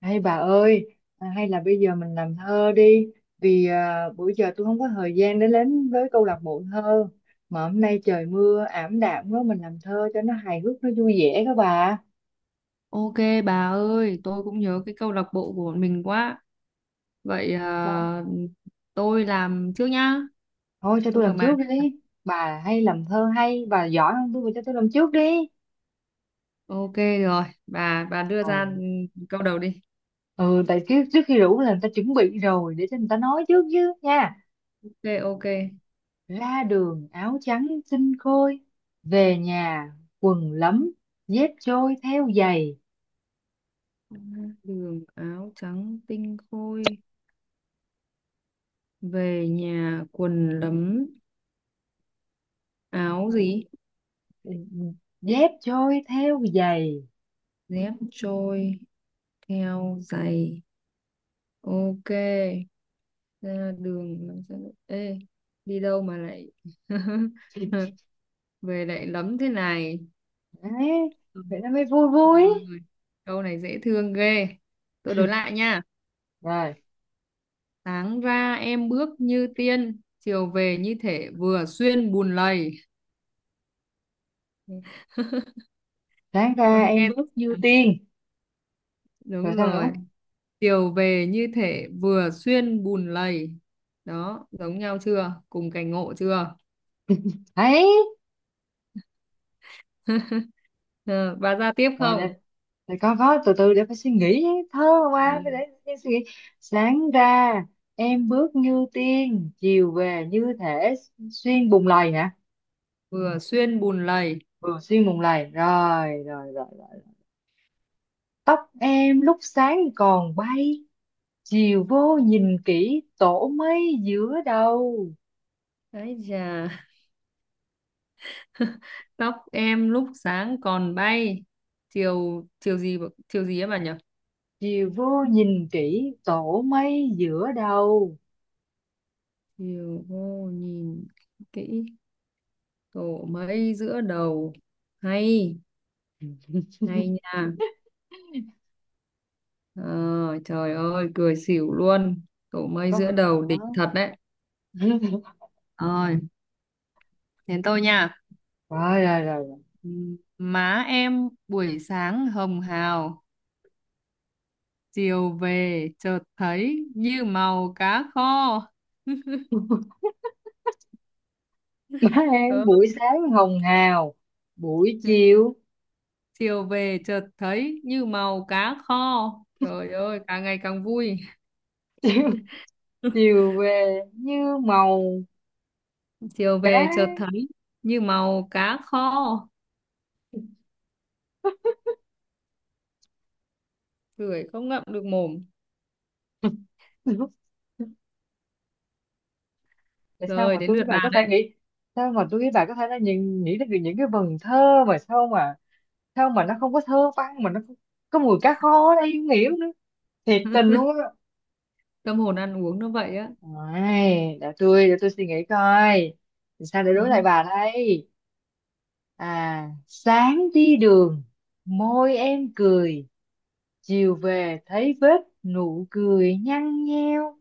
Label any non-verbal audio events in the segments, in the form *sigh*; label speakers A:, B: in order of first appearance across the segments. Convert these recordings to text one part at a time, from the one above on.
A: Hay bà ơi, hay là bây giờ mình làm thơ đi, vì bữa giờ tôi không có thời gian để đến với câu lạc bộ thơ, mà hôm nay trời mưa ảm đạm quá, mình làm thơ cho nó hài hước, nó vui vẻ các bà.
B: Ok, bà ơi, tôi cũng nhớ cái câu lạc bộ của bọn mình quá. Vậy à,
A: Vâng.
B: tôi làm trước nhá.
A: Thôi cho tôi
B: Tôi mở
A: làm
B: màn.
A: trước đi, bà hay làm thơ hay, bà giỏi hơn tôi, bà cho tôi làm trước đi.
B: Ok rồi, bà đưa ra
A: Rồi.
B: câu đầu đi.
A: Ừ, tại trước khi rủ là người ta chuẩn bị rồi, để cho người ta nói trước chứ nha.
B: Ok, ok.
A: Ra đường áo trắng xinh khôi, về nhà quần lấm, dép trôi theo giày.
B: Đường áo trắng tinh khôi, về nhà quần lấm, áo gì?
A: Dép trôi theo giày
B: Dép trôi theo giày. Ok, ra đường làm sao- Ê, đi đâu mà lại *laughs* về lại lấm thế này?
A: đấy,
B: Ừ.
A: vậy nó mới vui vui.
B: Rồi. Câu này dễ thương ghê. Tôi đối lại nha.
A: Rồi,
B: Sáng ra em bước như tiên, chiều về như thể vừa xuyên bùn lầy. *laughs*
A: sáng
B: Ờ,
A: ra em
B: Nghe
A: bước như tiên. Rồi
B: đúng
A: sao nữa?
B: rồi. Chiều về như thể vừa xuyên bùn lầy. Đó, giống nhau chưa? Cùng cảnh ngộ chưa?
A: Ấy,
B: *laughs* Ờ, Bà ra tiếp
A: rồi
B: không?
A: để con có từ từ để phải suy nghĩ thơ,
B: Ờ,
A: qua phải để em suy nghĩ. Sáng ra em bước như tiên, chiều về như thể xuyên bùng lầy hả?
B: Vừa xuyên bùn lầy.
A: Ừ, xuyên bùng lầy, rồi rồi rồi rồi. Tóc em lúc sáng còn bay, chiều vô nhìn kỹ tổ mây giữa đầu.
B: Đấy chà, tóc em lúc sáng còn bay. Chiều chiều gì ấy bà nhỉ?
A: Chiều vô nhìn kỹ tổ mây giữa đầu.
B: Diều hô nhìn kỹ tổ mây giữa đầu. Hay Hay
A: *laughs*
B: nha. Ờ, Trời ơi cười xỉu luôn, tổ mây
A: Có
B: giữa đầu đỉnh
A: đó.
B: thật đấy.
A: *laughs*
B: Rồi, đến tôi nha.
A: rồi rồi rồi rồi.
B: Má em buổi sáng hồng hào, chiều về chợt thấy như màu cá kho. *laughs*
A: Má em
B: Ờ,
A: buổi sáng hồng hào, buổi chiều *laughs*
B: chiều về chợt thấy như màu cá kho. Trời ơi càng ngày càng vui.
A: chiều,
B: *laughs*
A: chiều về như màu
B: Chiều
A: cá.
B: về chợt thấy như màu cá kho, cười không ngậm được mồm.
A: *laughs* Tại sao
B: Rồi
A: mà
B: đến
A: tôi
B: lượt
A: với bà
B: bà
A: có thể
B: đấy,
A: nghĩ, sao mà tôi với bà có thể là nhìn nghĩ đến những cái vần thơ mà sao mà sao mà nó không có thơ văn mà nó không có mùi cá kho ở đây, không hiểu nữa, thiệt tình luôn.
B: tâm hồn ăn uống nó vậy á.
A: Ôi, để tôi suy nghĩ coi. Thì sao để đối lại
B: *laughs*
A: bà đây? Sáng đi đường môi em cười, chiều về thấy vết nụ cười nhăn nheo.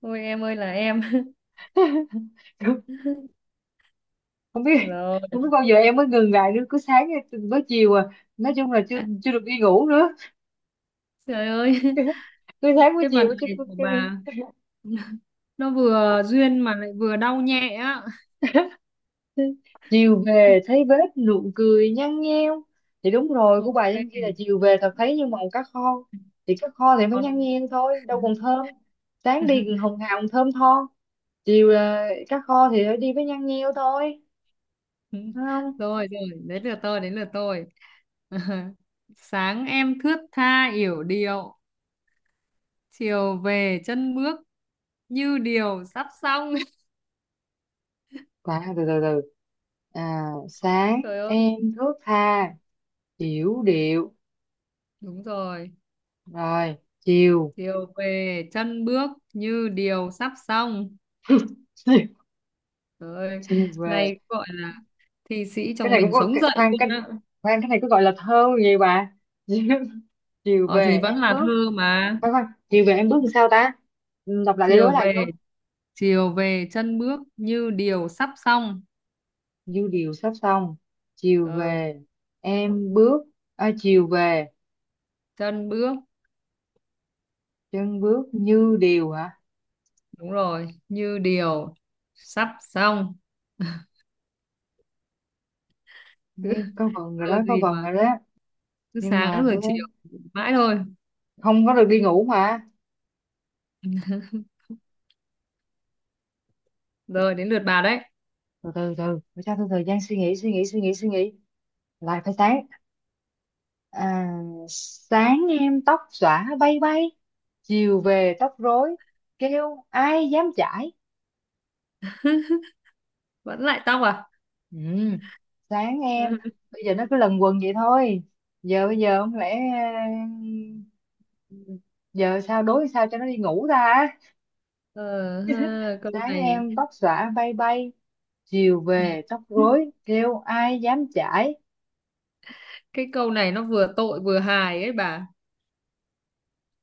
B: Ôi em ơi là em. *laughs*
A: *laughs* Không, không biết,
B: Rồi,
A: không biết bao giờ em mới ngừng lại nữa, cứ sáng với chiều nói chung là chưa chưa được đi ngủ nữa.
B: trời ơi,
A: *laughs* Cứ
B: *laughs*
A: sáng với
B: cái vần
A: chiều chứ.
B: này của bà *laughs* nó vừa duyên mà lại vừa đau nhẹ á.
A: Chiều về
B: *laughs*
A: thấy vết nụ cười nhăn nheo, thì đúng rồi, của bà
B: Ok.
A: trên kia là chiều về thật thấy như màu cá kho, thì cá kho thì phải nhăn
B: Còn
A: nheo thôi, đâu
B: *laughs*
A: còn thơm. Sáng đi còn hồng hào còn thơm tho, chiều là cá kho thì phải đi với nhăn nheo thôi. Đúng không?
B: rồi, đến lượt tôi. *laughs* Sáng em thướt tha yểu điệu, chiều về chân bước như điều sắp xong. *laughs*
A: Bà từ từ từ. À, sáng
B: Trời ơi,
A: em thước tha hiểu điệu,
B: đúng rồi.
A: rồi chiều
B: Chiều về chân bước như điều sắp xong.
A: *laughs* chiều
B: Trời ơi,
A: chiều về
B: này gọi là thi sĩ
A: cái
B: trong
A: này cũng
B: mình
A: có.
B: sống dậy
A: Khoan,
B: luôn
A: cái
B: á.
A: khoan cái này có gọi là thơ gì bà? *laughs* Chiều
B: Ờ thì
A: về
B: vẫn
A: em
B: là
A: bước.
B: thơ mà.
A: Khoan khoan, chiều về em bước làm sao ta? Ừ, đọc lại để đối
B: chiều
A: lại coi.
B: về Chiều về chân bước như điều sắp xong.
A: Dư điều sắp xong. Chiều
B: ờ
A: về em bước. À, chiều về
B: Chân bước
A: chân bước như điều hả?
B: đúng rồi, như điều sắp xong. *laughs* Cứ
A: Nghe, có vần rồi
B: thơ
A: đó, có
B: gì
A: vần
B: mà
A: rồi đó.
B: cứ
A: Nhưng mà
B: sáng rồi
A: thôi đấy,
B: chiều mãi thôi.
A: không có được đi ngủ mà.
B: Rồi đến lượt bà đấy.
A: Từ từ từ, phải cho tôi thời gian suy nghĩ, suy nghĩ. Lại phải sáng. À, sáng em tóc xõa bay bay. Chiều về tóc rối. Kêu ai dám chải?
B: Vẫn lại tóc à.
A: Ừ, sáng em
B: *laughs*
A: bây giờ nó cứ lần quần vậy thôi, giờ bây giờ không lẽ, ờ, giờ sao đối sao cho nó đi ngủ ta?
B: ờ Ha, câu
A: Sáng
B: này,
A: em tóc xõa bay bay, chiều về tóc rối kêu ai dám chải.
B: cái câu này nó vừa tội vừa hài ấy bà.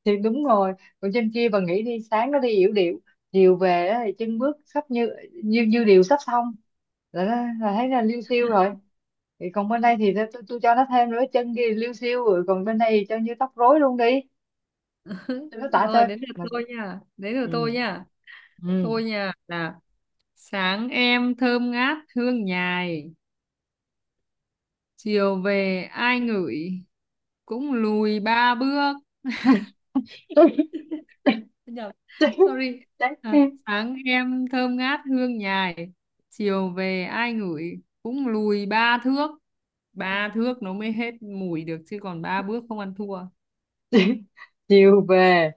A: Thì đúng rồi, còn trên kia bà nghĩ đi, sáng nó đi yểu điệu, chiều về á thì chân bước sắp như, như điều sắp xong, là, là thấy là liêu xiêu rồi, thì còn bên đây thì tôi cho nó thêm nữa, chân kia liêu xiêu rồi còn bên đây thì cho như tóc rối luôn đi. Tôi
B: *laughs*
A: nói tả
B: rồi
A: chơi
B: đến lượt
A: mà.
B: tôi nha Đến lượt tôi
A: Ừ.
B: nha.
A: Ừ.
B: Tôi nha là sáng em thơm ngát hương nhài, chiều về ai ngửi cũng lùi ba bước.
A: *laughs* tôi
B: Nhầm,
A: tôi
B: sorry. À,
A: tôi-
B: sáng em thơm ngát hương nhài, chiều về ai ngửi cũng lùi ba thước. Ba thước nó mới hết mùi được chứ còn ba bước không ăn thua.
A: tôi- *laughs* chiều về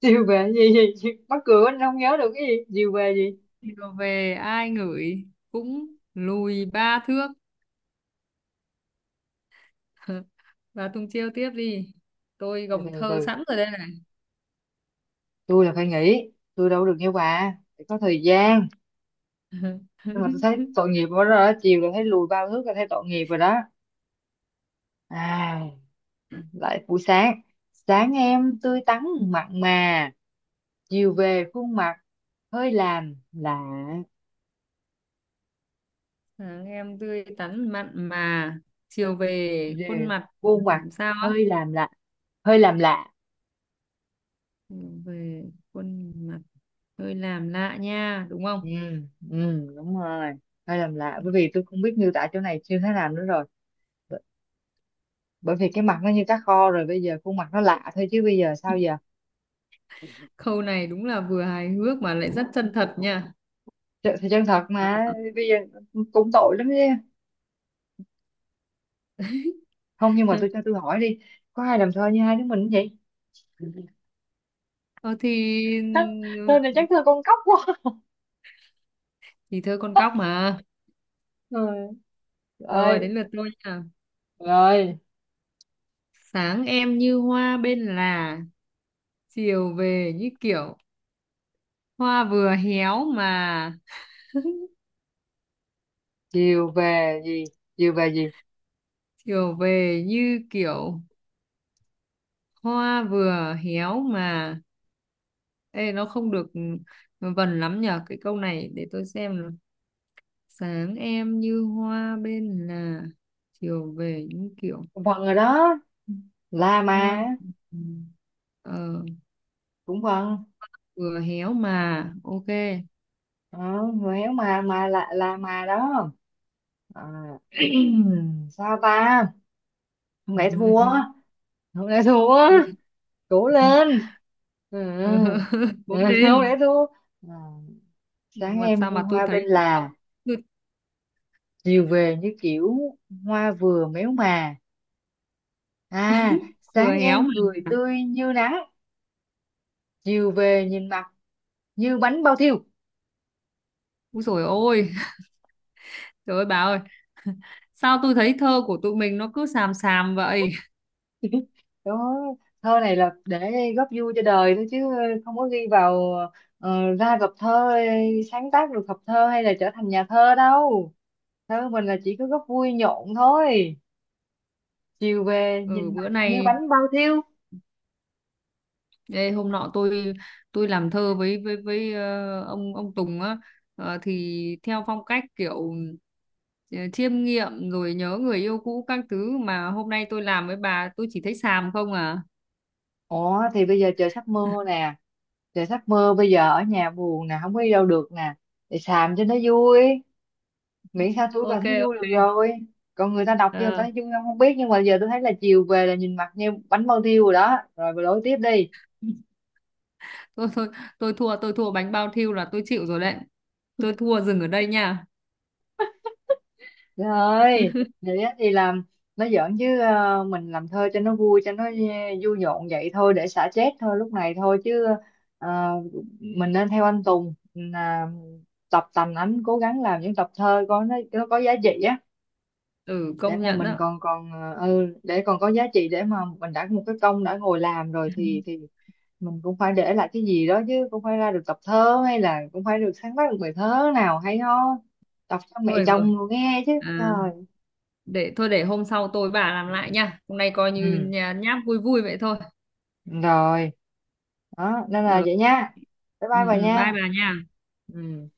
A: chiều về gì gì, gì? Mắc cười quá, anh không nhớ được cái gì chiều về gì.
B: Chiều về ai ngửi cũng lùi ba thước. *laughs* Và Tùng chiêu tiếp đi, tôi
A: từ từ
B: gồng
A: từ
B: thơ
A: từ.
B: sẵn rồi đây này.
A: Tôi là phải nghỉ, tôi đâu được như bà, phải có thời gian.
B: *laughs*
A: Nhưng mà tôi thấy tội nghiệp quá rồi đó, chiều là thấy lùi bao thước là thấy tội nghiệp rồi đó. À, lại buổi sáng. Sáng em tươi tắn mặn mà, chiều về khuôn mặt hơi làm lạ.
B: Sáng em tươi tắn mặn mà, chiều về khuôn
A: Về
B: mặt
A: khuôn mặt
B: làm sao á.
A: hơi làm lạ, hơi làm lạ.
B: Chiều về khuôn mặt hơi làm lạ nha, đúng
A: Ừ,
B: không?
A: ừ đúng rồi, hơi làm lạ, bởi vì tôi không biết miêu tả chỗ này như thế nào nữa rồi. B- Bởi vì cái mặt nó như cá kho rồi, bây giờ khuôn mặt nó lạ thôi chứ, bây giờ sao giờ.
B: Câu này đúng là vừa hài hước mà lại rất chân thật nha.
A: Thì chân thật mà, bây giờ cũng tội lắm chứ. Không, nhưng mà
B: *laughs*
A: tôi cho tôi hỏi đi, có ai làm thơ như hai đứa mình không vậy?
B: ờ thì
A: Thơ thơ này chắc thơ con cóc quá.
B: thì thơ con cóc mà.
A: Rồi.
B: Rồi đến
A: Ơi.
B: lượt tôi nha.
A: Rồi.
B: Sáng em như hoa bên là, chiều về như kiểu hoa vừa héo mà. *laughs*
A: Chiều về gì chiều về gì.
B: Chiều về như kiểu hoa vừa héo mà. Ê, nó không được vần lắm nhở, cái câu này để tôi xem nào. Sáng em như hoa bên là, chiều về như kiểu
A: Cũng vần rồi đó, la
B: hoa,
A: mà
B: ờ,
A: cũng vần.
B: vừa héo mà, ok.
A: Ờ, người héo mà, mà là đó. Ờ, *clears throat* sao ta, không lẽ thua,
B: *laughs*
A: không lẽ thua.
B: Tôi,
A: Cố lên. Ừ.
B: ờ, *laughs*
A: Ừ,
B: bốn
A: *laughs* không lẽ
B: lên.
A: thua. Ờ, sáng
B: Mà
A: em
B: sao
A: như
B: mà tôi
A: hoa
B: thấy,
A: bên là,
B: tôi
A: chiều về như kiểu hoa vừa méo mà. À,
B: vừa
A: sáng
B: héo
A: em
B: mà.
A: cười tươi như nắng, chiều về nhìn mặt như bánh bao thiêu.
B: Úi dồi ôi, trời ơi bà ơi, sao tôi thấy thơ của tụi mình nó cứ xàm xàm vậy?
A: Đó, thơ này là để góp vui cho đời thôi chứ, không có ghi vào, ra gặp thơ sáng tác được hợp thơ hay là trở thành nhà thơ đâu. Thơ mình là chỉ có góp vui nhộn thôi. Chiều về
B: Ừ,
A: nhìn mặt
B: bữa
A: như
B: nay,
A: bánh bao thiêu.
B: ê, hôm nọ tôi làm thơ với ông Tùng á. Thì theo phong cách kiểu, chiêm nghiệm rồi nhớ người yêu cũ các thứ, mà hôm nay tôi làm với bà tôi chỉ thấy xàm không à.
A: Ủa thì bây giờ trời sắp mưa
B: *laughs*
A: nè, trời sắp mưa bây giờ ở nhà buồn nè, không có đi đâu được nè, để xàm cho nó vui, miễn sao tôi cảm
B: Ok,
A: thấy vui được
B: ok.
A: rồi. Còn người ta đọc cho người ta
B: Ờ,
A: thấy vui không không biết, nhưng mà giờ tôi thấy là chiều về là nhìn mặt như bánh bao thiêu rồi đó, rồi bà lối tiếp đi.
B: *laughs* thôi thôi, tôi thua bánh bao thiêu là tôi chịu rồi đấy. Tôi thua, dừng ở đây nha.
A: Trời ơi vậy á, thì làm nó giỡn chứ, mình làm thơ cho nó vui, cho nó vui nhộn vậy thôi, để xả stress thôi lúc này thôi chứ. ờ, mình nên theo anh Tùng là tập tành ảnh, cố gắng làm những tập thơ có nó có giá trị á,
B: Ừ
A: để
B: công
A: mà
B: nhận
A: mình
B: đó.
A: còn còn để còn có giá trị, để mà mình đã một cái công đã ngồi làm rồi thì
B: *laughs*
A: mình cũng phải để lại cái gì đó chứ, cũng phải ra được tập thơ, hay là cũng phải được sáng tác được bài thơ nào hay ho đọc cho mẹ
B: Thôi được rồi.
A: chồng rồi nghe chứ.
B: À,
A: Trời.
B: để thôi, để hôm sau tôi bà làm lại nha, hôm nay coi như
A: Ừ.
B: nhà nháp vui vui vậy thôi.
A: Rồi. Đó nên là
B: Rồi,
A: vậy nha. Bye
B: ừ,
A: bye bà
B: bye
A: nha.
B: bà nha.
A: Ừ.